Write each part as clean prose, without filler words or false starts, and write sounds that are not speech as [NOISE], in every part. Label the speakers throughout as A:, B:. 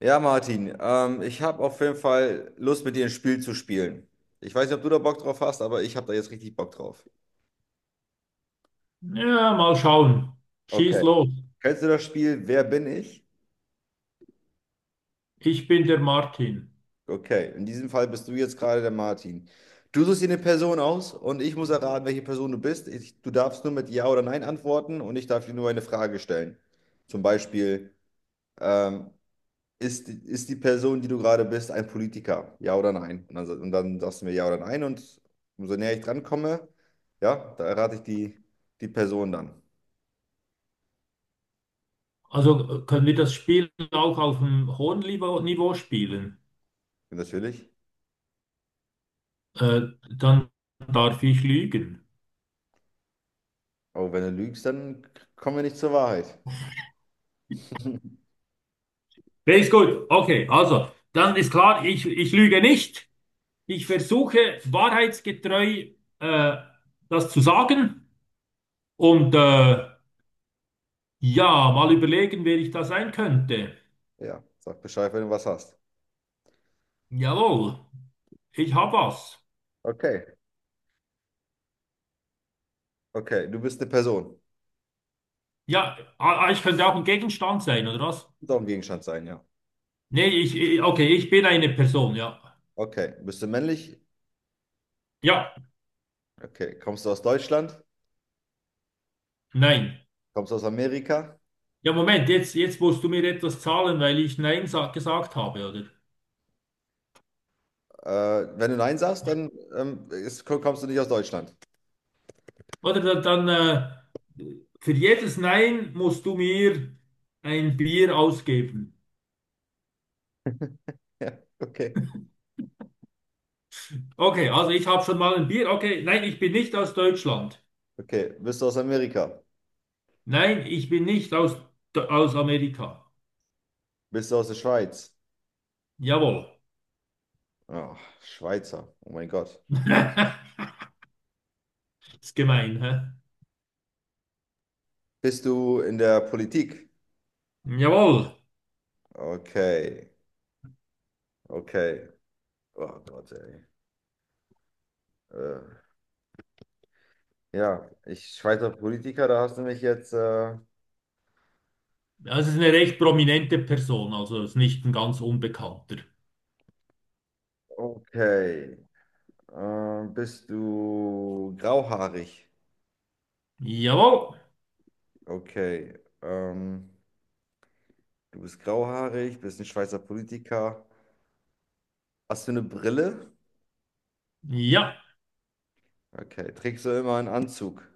A: Ja, Martin, ich habe auf jeden Fall Lust, mit dir ein Spiel zu spielen. Ich weiß nicht, ob du da Bock drauf hast, aber ich habe da jetzt richtig Bock drauf.
B: Ja, mal schauen. Schieß
A: Okay.
B: los.
A: Kennst du das Spiel Wer bin ich?
B: Ich bin der Martin.
A: Okay, in diesem Fall bist du jetzt gerade der Martin. Du suchst dir eine Person aus und ich muss erraten, welche Person du bist. Du darfst nur mit Ja oder Nein antworten und ich darf dir nur eine Frage stellen. Zum Beispiel, ähm, ist die Person, die du gerade bist, ein Politiker? Ja oder nein? Und dann, und dann sagst du mir ja oder nein. Und umso näher ich dran komme, ja, da errate ich die Person dann.
B: Also können wir das Spiel auch auf einem hohen Niveau spielen?
A: Und natürlich.
B: Äh, Dann darf ich lügen.
A: Aber wenn du lügst, dann kommen wir nicht zur Wahrheit. [LAUGHS]
B: Okay, ist gut. Okay, also, dann ist klar, ich lüge nicht. Ich versuche wahrheitsgetreu äh, das zu sagen. Und ja, mal überlegen, wer ich da sein könnte.
A: Ja, sag Bescheid, wenn du was hast.
B: Jawohl, ich hab was.
A: Okay, okay, du bist eine Person.
B: Ja, ich könnte auch ein Gegenstand sein, oder was?
A: Soll ein Gegenstand sein, ja.
B: Nee, okay, ich bin eine Person, ja.
A: Okay, bist du männlich?
B: Ja,
A: Okay, kommst du aus Deutschland?
B: nein.
A: Kommst du aus Amerika?
B: Ja, Moment, jetzt musst du mir etwas zahlen, weil ich Nein sa gesagt habe, oder?
A: Äh, Wenn du Nein sagst, dann kommst du nicht aus Deutschland. [LAUGHS]
B: Oder dann, für jedes Nein musst du mir ein Bier ausgeben.
A: Ja, okay.
B: Okay, also ich habe schon mal ein Bier. Okay, nein, ich bin nicht aus Deutschland.
A: Okay, bist du aus Amerika?
B: Nein, ich bin nicht aus Amerika.
A: Bist du aus der Schweiz?
B: Jawohl.
A: Ah, Schweizer. Oh mein Gott.
B: [LAUGHS] Ist gemein, hä?
A: Bist du in der Politik?
B: Jawohl.
A: Okay, okay. Oh Gott, ey. Äh, ja, ich Schweizer Politiker, da hast du mich jetzt.
B: Das ist eine recht prominente Person, also ist nicht ein ganz Unbekannter.
A: Okay. Bist du grauhaarig?
B: Jawohl.
A: Okay. Du bist grauhaarig, bist ein Schweizer Politiker. Hast du eine Brille?
B: Ja,
A: Okay. Trägst du immer einen Anzug?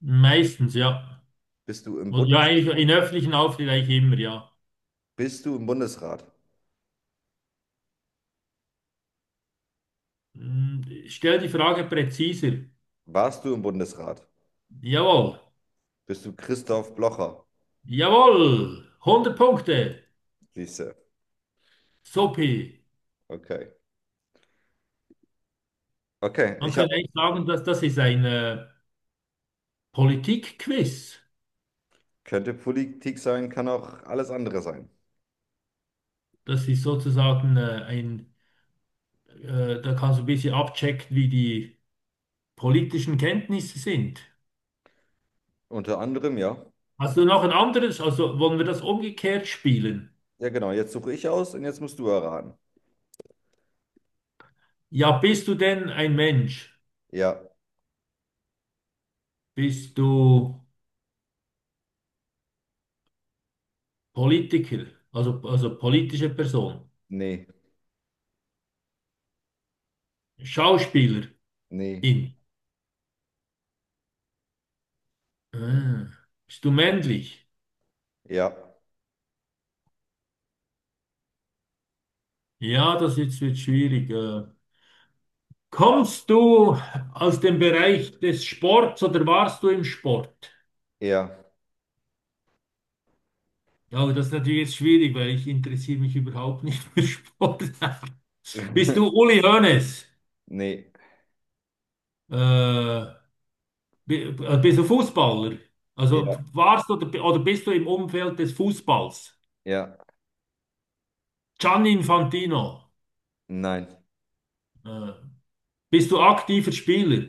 B: meistens, ja.
A: Bist du im
B: Und ja,
A: Bundes
B: eigentlich in öffentlichen Auftritten eigentlich immer, ja.
A: Bist du im Bundesrat?
B: Hm, stell die Frage präziser.
A: Warst du im Bundesrat?
B: Jawohl.
A: Bist du Christoph Blocher?
B: Jawohl, hundert Punkte.
A: Siehste.
B: Sopi.
A: Okay. Okay,
B: Man
A: ich habe.
B: könnte eigentlich sagen, dass das ist ein Politikquiz.
A: Könnte Politik sein, kann auch alles andere sein.
B: Das ist sozusagen da kannst du ein bisschen abchecken, wie die politischen Kenntnisse sind.
A: Unter anderem, ja.
B: Hast du noch ein anderes? Also wollen wir das umgekehrt spielen?
A: Ja, genau. Jetzt suche ich aus und jetzt musst du erraten.
B: Ja, bist du denn ein Mensch?
A: Ja,
B: Bist du Politiker, also politische Person?
A: nee,
B: Schauspielerin?
A: nee,
B: Ah. Bist du männlich?
A: ja,
B: Ja, das jetzt wird schwierig. Kommst du aus dem Bereich des Sports oder warst du im Sport?
A: ja,
B: Ja, aber das ist natürlich jetzt schwierig, weil ich interessiere mich überhaupt nicht für Sport. [LAUGHS]
A: [LAUGHS]
B: Bist du Uli Hoeneß?
A: nee,
B: Äh, bist du Fußballer? Also
A: ja,
B: warst du oder, oder bist du im Umfeld des Fußballs?
A: ja,
B: Gianni Infantino,
A: nein.
B: äh, bist du aktiver Spieler?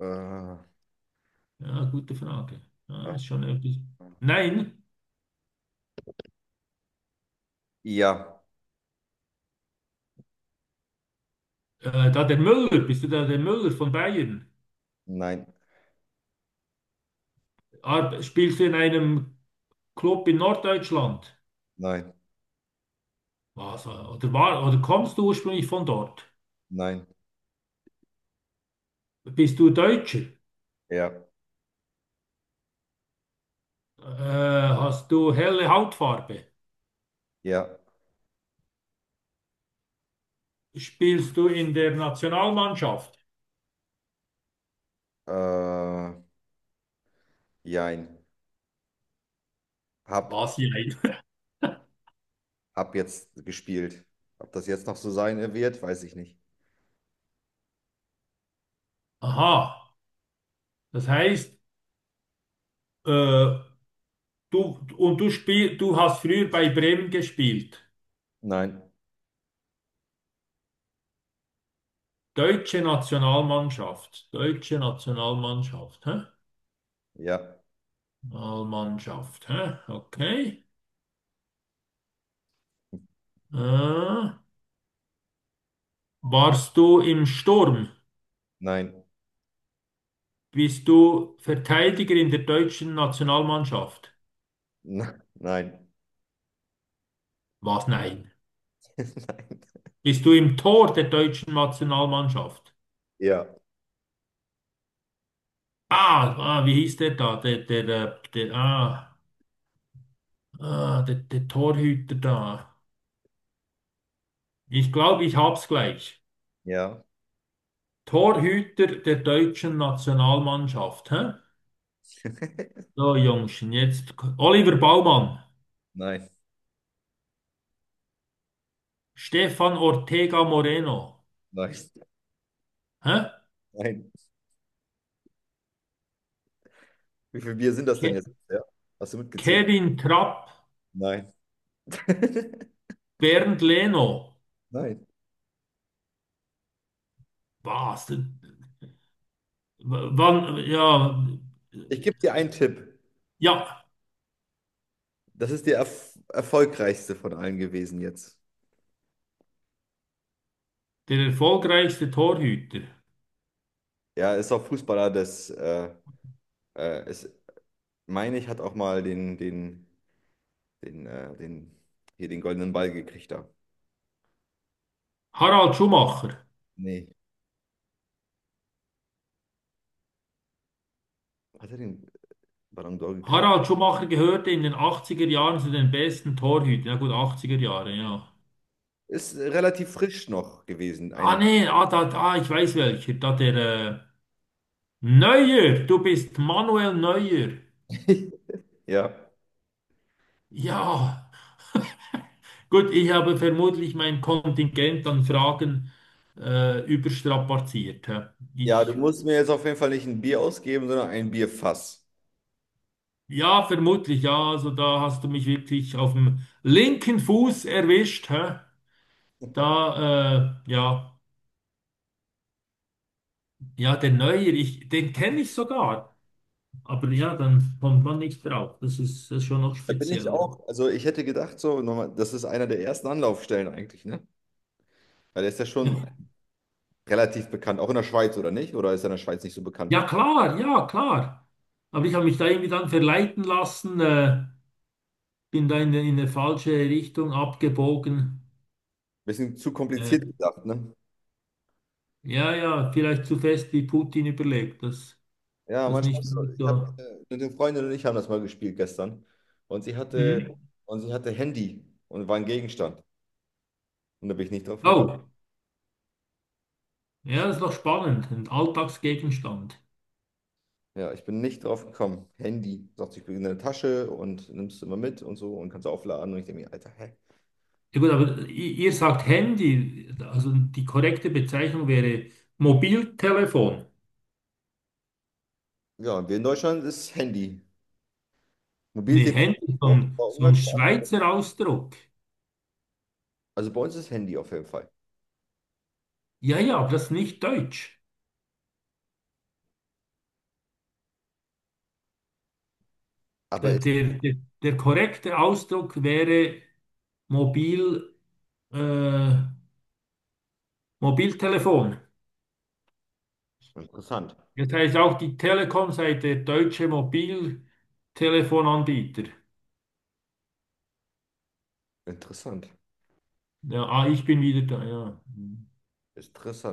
A: Äh,
B: Ja, gute Frage. Ja,
A: äh,
B: ist schon etwas. Nein,
A: ja,
B: da der Müller, bist du da der Müller von Bayern?
A: nein,
B: Ar spielst du in einem Club in Norddeutschland?
A: nein,
B: Was, oder, war, oder kommst du ursprünglich von dort?
A: nein,
B: Bist du Deutscher?
A: ja,
B: Hast du helle Hautfarbe?
A: ja,
B: Spielst du in der Nationalmannschaft?
A: äh, jein. Hab,
B: Was hier?
A: ab jetzt gespielt. Ob das jetzt noch so sein wird, weiß ich nicht.
B: Aha, das heißt, äh, Du, und du hast früher bei Bremen gespielt.
A: Nein,
B: Deutsche Nationalmannschaft. Deutsche Nationalmannschaft. Hä?
A: ja,
B: Nationalmannschaft. Hä? Okay. Äh, warst du im Sturm?
A: nein,
B: Bist du Verteidiger in der deutschen Nationalmannschaft?
A: nein, [LAUGHS] nein,
B: Was? Nein.
A: nein,
B: Bist du im Tor der deutschen Nationalmannschaft?
A: ja,
B: Ah, ah, wie hieß der da? Der, der, der, der, ah, ah, der, der Torhüter da. Ich glaube, ich hab's gleich.
A: ja,
B: Torhüter der deutschen Nationalmannschaft. Hä?
A: [LAUGHS]
B: So, Jungschen, Oliver Baumann,
A: nein,
B: Stefan Ortega Moreno,
A: nein,
B: hä?
A: nein. Wie viel Bier sind das denn
B: Ke
A: jetzt? Ja. Hast du mitgezählt?
B: Kevin Trapp,
A: Nein, [LAUGHS]
B: Bernd Leno.
A: nein.
B: Was? Wann,
A: Ich gebe dir einen Tipp.
B: ja,
A: Das ist der erfolgreichste von allen gewesen jetzt.
B: der erfolgreichste Torhüter.
A: Ja, ist auch Fußballer das. Ist, meine ich, hat auch mal den, hier den goldenen Ball gekriegt da.
B: Harald Schumacher.
A: Nee. Hat er den? Ballon d'Or gekriegt.
B: Harald Schumacher gehörte in den 80er Jahren zu den besten Torhütern. Ja gut, 80er Jahre, ja.
A: Ist relativ frisch noch gewesen.
B: Ah
A: Ein,
B: nee, ah, da, ah, ich weiß welcher. Da der, Neuer, du bist Manuel Neuer.
A: [LAUGHS] ja.
B: Ja, gut, ich habe vermutlich mein Kontingent an Fragen überstrapaziert. Hä?
A: Ja, du
B: Ich,
A: musst mir jetzt auf jeden Fall nicht ein Bier ausgeben, sondern ein Bierfass.
B: ja, vermutlich, ja, also da hast du mich wirklich auf dem linken Fuß erwischt. Hä? Da, ja, der Neuer, ich, den kenne ich sogar. Aber ja, dann kommt man nicht drauf. Das ist schon noch
A: Da bin
B: speziell,
A: ich
B: ne?
A: auch, also ich hätte gedacht, so, nochmal, das ist einer der ersten Anlaufstellen eigentlich, ne? Weil der ist ja schon
B: [LAUGHS]
A: relativ bekannt, auch in der Schweiz, oder nicht? Oder ist er in der Schweiz nicht so bekannt?
B: Ja, klar, ja, klar. Aber ich habe mich da irgendwie dann verleiten lassen. Bin da in eine falsche Richtung abgebogen.
A: Bisschen zu
B: Äh,
A: kompliziert gedacht, ne?
B: ja, vielleicht zu fest wie Putin überlegt, das,
A: Ja,
B: das
A: manchmal
B: nicht
A: ist so.
B: gut
A: Ich habe
B: da.
A: eine Freundin und ich haben das mal gespielt gestern. Und sie hatte,
B: Mhm.
A: und sie hatte Handy und war ein Gegenstand. Und da bin ich nicht drauf gekommen.
B: Oh,
A: Ich
B: ja, das ist noch spannend, ein Alltagsgegenstand.
A: Ja, ich bin nicht drauf gekommen. Handy, sagt, ich bin in der Tasche und nimmst du immer mit und so und kannst aufladen. Und ich denke mir, Alter, hä?
B: Ja gut, aber ihr sagt Handy, also die korrekte Bezeichnung wäre Mobiltelefon.
A: Ja, und wir in Deutschland ist Handy.
B: Nee,
A: Mobiltelefon
B: Handy, ist
A: auch, aber
B: so ein
A: umgangssprachlich.
B: Schweizer Ausdruck.
A: Also bei uns ist Handy auf jeden Fall.
B: Ja, ja, aber das ist nicht deutsch.
A: Aber
B: Der,
A: ist
B: der, der, der korrekte Ausdruck wäre Mobil. Äh, Mobiltelefon.
A: interessant.
B: Das heißt auch die Telekom sei der deutsche Mobiltelefonanbieter.
A: Interessant.
B: Ja, ah, ich bin wieder da, ja. Hm.
A: Interessant.